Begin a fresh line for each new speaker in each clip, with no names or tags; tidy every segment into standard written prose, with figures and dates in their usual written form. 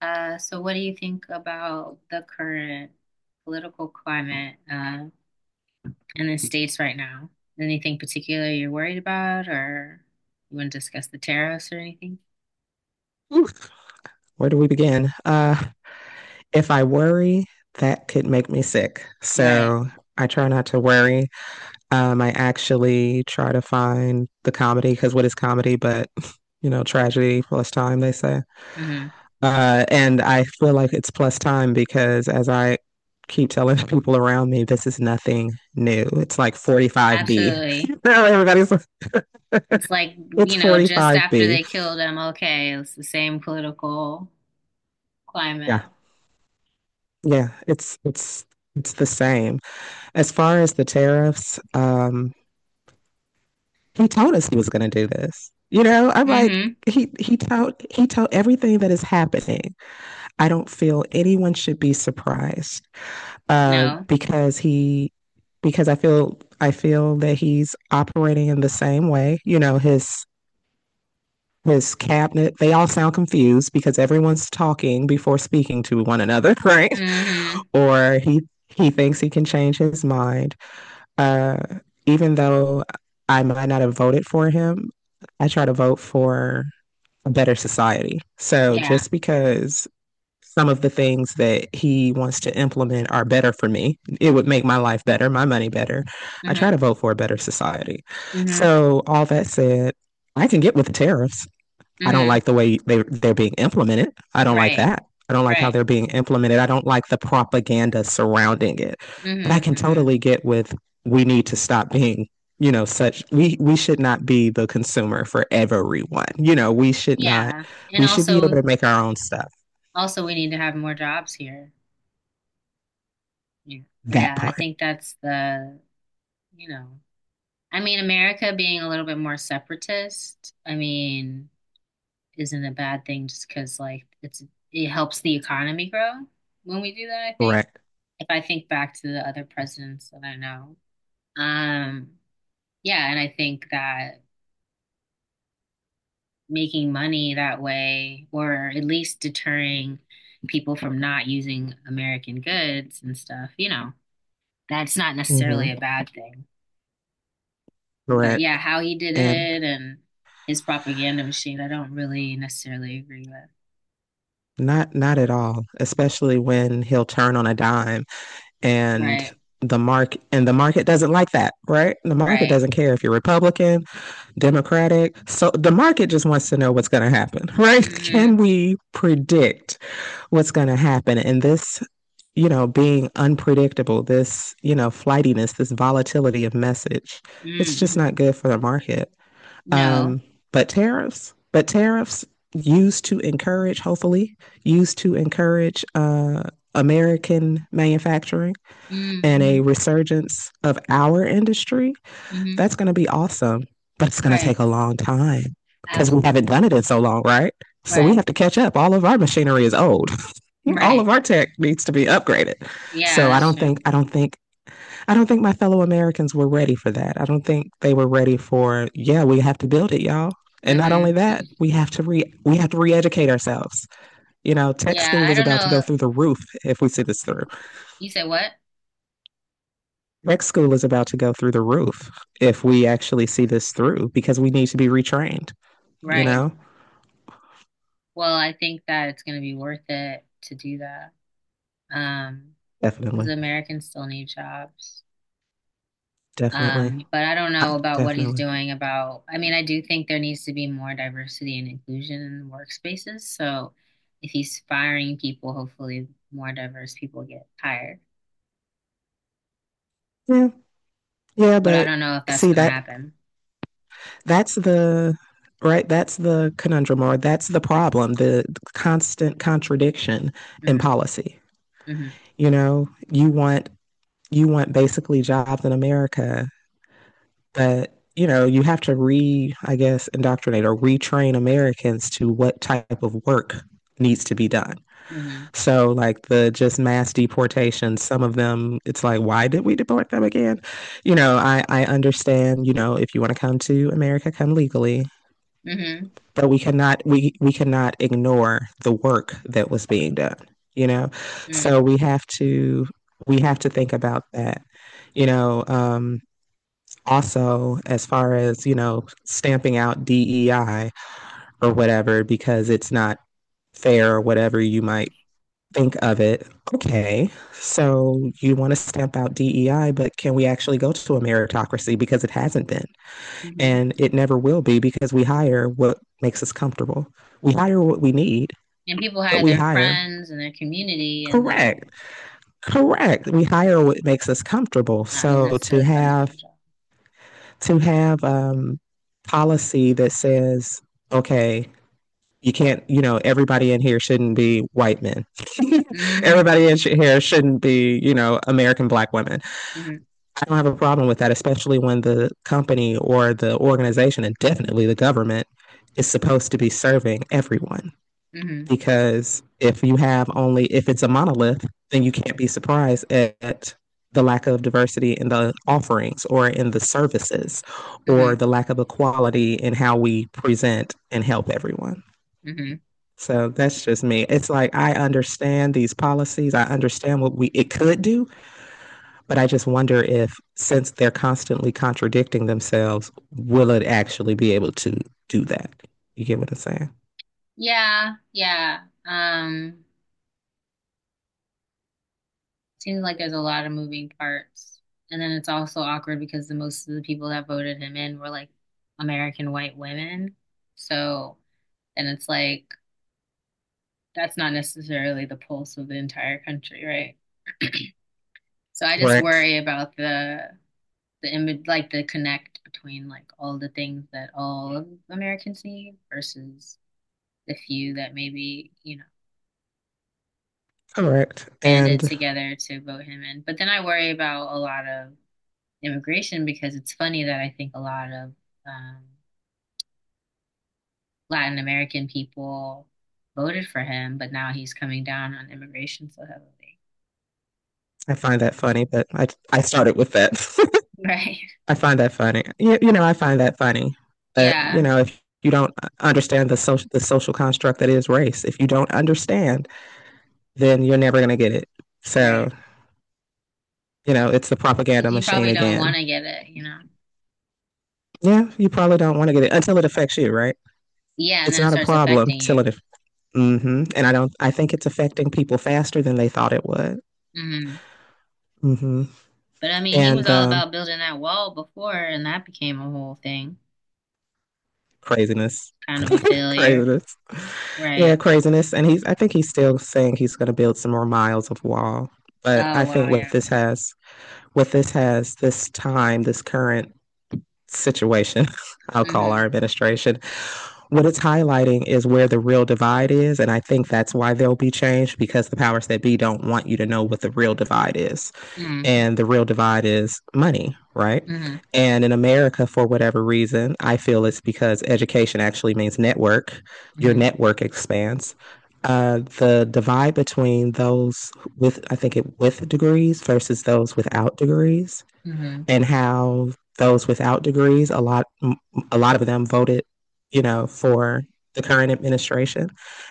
So what do you think about the current political climate in the States right now? Anything particular you're worried about, or you want to discuss the tariffs or anything?
Oof, where do we begin? If I worry, that could make me sick.
Right.
So I try not to worry. I actually try to find the comedy because what is comedy but, tragedy plus time, they say.
Hmm.
And I feel like it's plus time because as I keep telling people around me, this is nothing new. It's like 45B.
Absolutely.
Everybody's like,
It's like,
it's
just after
45B.
they killed MLK, it's the same political climate.
Yeah. Yeah. It's the same. As far as the tariffs, he told us he was going to do this. I'm like,
Hmm.
he told everything that is happening. I don't feel anyone should be surprised uh,
No.
because he because I feel that he's operating in the same way. His cabinet they all sound confused because everyone's talking before speaking to one another, right?
Hmm.
Or he thinks he can change his mind. Uh, even though I might not have voted for him, I try to vote for a better society. So
Yeah.
just because some of the things that he wants to implement are better for me, it would make my life better, my money better. I try
Hmm.
to vote for a better society.
Hmm.
So all that said, I can get with the tariffs. I don't
Hmm.
like the way they're being implemented. I don't like
Right.
that. I don't like how
Right.
they're being implemented. I don't like the propaganda surrounding it. But I
Hmm.
can
Hmm.
totally get with we need to stop being, such we should not be the consumer for everyone. We should not
Yeah. And
we should be able
also,
to make our own stuff.
Also, we need to have more jobs here. Yeah.
That
Yeah, I
part,
think that's the, you know, I mean, America being a little bit more separatist, I mean, isn't a bad thing just because, like, it helps the economy grow when we do that, I think.
correct?
If I think back to the other presidents that I know. Um, yeah, and I think that making money that way, or at least deterring people from not using American goods and stuff. That's not
Mm-hmm.
necessarily a bad thing. But yeah,
Correct.
how he did
And
it and his propaganda machine, I don't really necessarily agree with.
not at all, especially when he'll turn on a dime and
Right,
the market doesn't like that, right? The market
right.
doesn't care if you're Republican, Democratic. So the market just wants to know what's going to happen, right?
Mm-hmm.
Can we predict what's going to happen? And this, being unpredictable, this, flightiness, this volatility of message, it's just
Mm-hmm.
not good for the market.
No.
Um, but tariffs used to encourage, hopefully, used to encourage American manufacturing and
Mm-hmm.
a resurgence of our industry,
Mm-hmm.
that's going to be awesome. But it's going to
Right.
take a long time because we haven't
Absolutely.
done it in so long, right? So we
Right.
have to catch up. All of our machinery is old. All
Right.
of our tech needs to be upgraded.
Yeah,
So I
that's
don't
true.
think I don't think I don't think my fellow Americans were ready for that. I don't think they were ready for, yeah, we have to build it, y'all. And not only
Mm-hmm.
that, we have to re-educate ourselves. Tech
Yeah,
school
I
is
don't
about to
know.
go through the roof if we see this through.
You said what?
Next school is about to go through the roof if we actually see this through because we need to be retrained, you
Right.
know?
Well, I think that it's going to be worth it to do that. Um, because
Definitely.
Americans still need jobs.
Definitely.
But I don't know
Ah,
about what he's
definitely.
doing about, I mean, I do think there needs to be more diversity and inclusion in workspaces. So if he's firing people, hopefully more diverse people get hired.
Yeah. Yeah,
But I
but
don't know if that's
see
going to happen.
that's the right that's the conundrum or that's the problem, the constant contradiction in
Hmm.
policy.
Hmm.
You know, you want you want basically jobs in America. But, you have to I guess, indoctrinate or retrain Americans to what type of work needs to be done.
Hmm.
So, like the just mass deportations, some of them, it's like, why did we deport them again? I understand, if you want to come to America, come legally,
Hmm.
but we cannot ignore the work that was being done, you know? So we have to think about that, you know, um, also as far as stamping out DEI or whatever because it's not fair or whatever you might think of it. Okay, so you want to stamp out DEI, but can we actually go to a meritocracy? Because it hasn't been,
Hmm.
and it never will be because we hire what makes us comfortable. We hire what we need.
And people
But
hire
we
their
hire,
friends and their community and then
correct, correct, we hire what makes us comfortable.
not who's
So to
necessarily best for
have
the job.
to have policy that says, okay, you can't, everybody in here shouldn't be white men.
Hmm.
Everybody in here shouldn't be, American black women.
Hmm.
I don't have a problem with that, especially when the company or the organization and definitely the government is supposed to be serving everyone
Hmm.
because if it's a monolith, then you can't be surprised at the lack of diversity in the offerings or in the services or
Hmm.
the lack of equality in how we present and help everyone.
Hmm.
So that's just me. It's like I understand these policies. I understand what we it could do, but I just wonder if since they're constantly contradicting themselves, will it actually be able to do that? You get what I'm saying?
Yeah, yeah. Seems like there's a lot of moving parts. And then it's also awkward because the most of the people that voted him in were like American white women. So, and it's like that's not necessarily the pulse of the entire country, right? So I just
Correct.
worry about the image, like the connect between like all the things that all of Americans need versus the few that maybe,
Correct.
banded
And
together to vote him in. But then I worry about a lot of immigration because it's funny that I think a lot of um, Latin American people voted for him, but now he's coming down on immigration so heavily.
I find that funny, but I started with that.
Right.
I find that funny. I find that funny. But
Yeah.
if you don't understand the social construct that is race, if you don't understand, then you're never gonna get it. So
Right.
it's the
'Cause
propaganda
you
machine
probably don't
again.
want to get it, you know?
Yeah, you probably don't want to get it until it affects you, right?
Yeah. And
It's
then it
not a
starts
problem
affecting
till
you.
it. Mm-hmm. And I don't. I think it's affecting people faster than they thought it would.
Hmm.
Mm-hmm.
But I mean, he was
And
all about building that wall before, and that became a whole thing,
craziness,
kind of a failure.
craziness. Yeah,
Right.
craziness. And I think he's still saying he's going to build some more miles of wall. But I
Oh, wow.
think what
Yeah.
this has, what this has, this time, this current situation, I'll call our
Hmm.
administration, what it's highlighting is where the real divide is. And I think that's why there'll be change because the powers that be don't want you to know what the real divide is,
Mm-hmm.
and the real divide is money, right?
Mm-hmm.
And in America, for whatever reason, I feel it's because education actually means network. Your
Mm-hmm.
network expands. The divide between those with, I think, it with degrees versus those without degrees,
Mm-hmm.
and how those without degrees, a lot of them voted, for the current administration,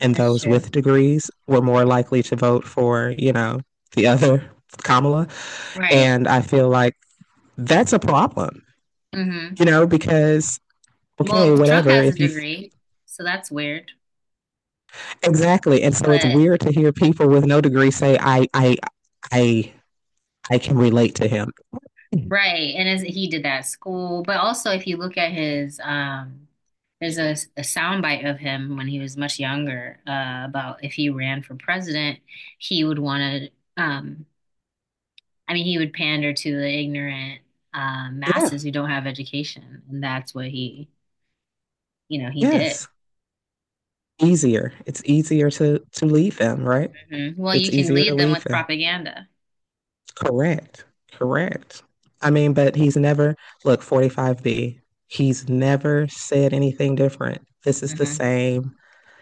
and
That's
those
true.
with degrees were more likely to vote for, the other Kamala.
Right.
And I feel like that's a problem,
Hmm.
because okay,
Well, Trump
whatever.
has a
If you
degree, so that's weird.
exactly, and so it's
But
weird to hear people with no degree say, I, I can relate to him."
right, and as he did that school, but also if you look at his there's a soundbite of him when he was much younger about if he ran for president, he would want to I mean he would pander to the ignorant
Yeah.
masses who don't have education, and that's what he did.
Yes. Easier. It's easier to leave him, right?
Hmm. Well,
It's
you can
easier to
lead them
leave
with
him.
propaganda.
Correct. Correct. I mean, but he's never, look, 45B, he's never said anything different. This is the
Hmm.
same.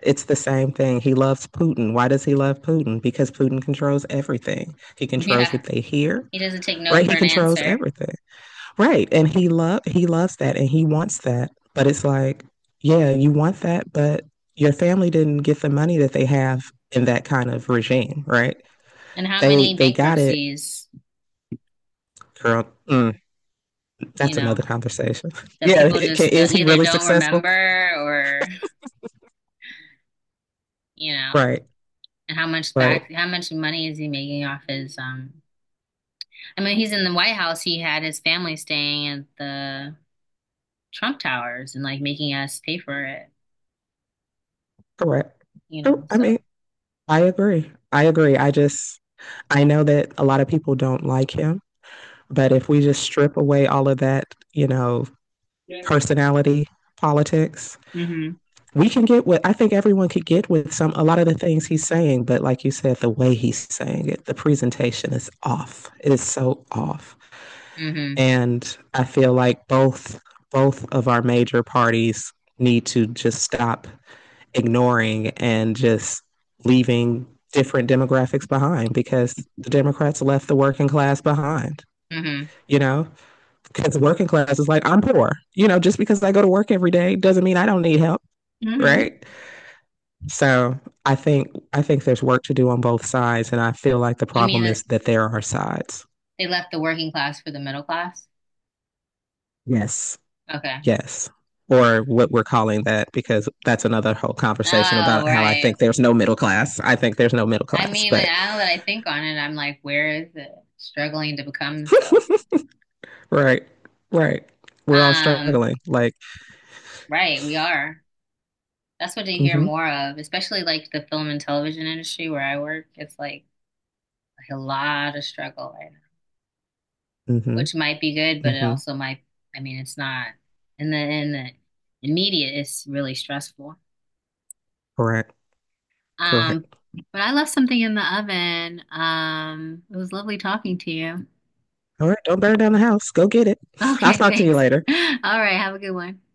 It's the same thing. He loves Putin. Why does he love Putin? Because Putin controls everything. He controls
Yeah,
what they hear,
he doesn't take no
right?
for
He
an
controls
answer.
everything. Right. And he loves that and he wants that. But it's like, yeah, you want that, but your family didn't get the money that they have in that kind of regime, right?
And how
They
many
they got it,
bankruptcies,
girl.
you
That's another
know,
conversation.
that
Yeah,
people
it can,
just
is
don't,
he
either
really
don't
successful?
remember or, you know,
Right,
and
right,
how much money is he making off his, I mean, he's in the White House. He had his family staying at the Trump Towers and like making us pay for it,
correct. Oh, I mean,
so.
I agree. I agree. I know that a lot of people don't like him, but if we just strip away all of that, you know,
Yeah.
personality politics,
Mm-hmm.
we can get what I think everyone could get with some a lot of the things he's saying, but like you said, the way he's saying it, the presentation is off. It is so off.
Mm-hmm.
And I feel like both of our major parties need to just stop ignoring and just leaving different demographics behind because the Democrats left the working class behind
Mm-hmm.
you know, because working class is like, I'm poor. Just because I go to work every day doesn't mean I don't need help,
Mm-hmm.
right? So I think I think there's work to do on both sides, and I feel like the
You mean
problem
that
is that there are sides.
they left the working class for the middle class?
Yes,
Okay.
yes, or what we're calling that, because that's another whole conversation
Oh,
about how I
right.
think there's no middle class. I think there's no middle
I
class,
mean,
but
now that I think on it, I'm like, where is it struggling to become itself?
right, right, we're all
Um,
struggling. Like,
right, we are. That's what they hear
mm-hmm,
more of, especially like the film and television industry where I work. It's like a lot of struggle right now,
mm-hmm,
which might be good, but it
mm-hmm.
also might, I mean, it's not. And then in media, it's really stressful.
Correct,
Um,
correct.
but I left something in the oven. It was lovely talking to you.
All right, don't burn down the house. Go get it. I'll
Okay,
talk to you
thanks.
later.
All right, have a good one.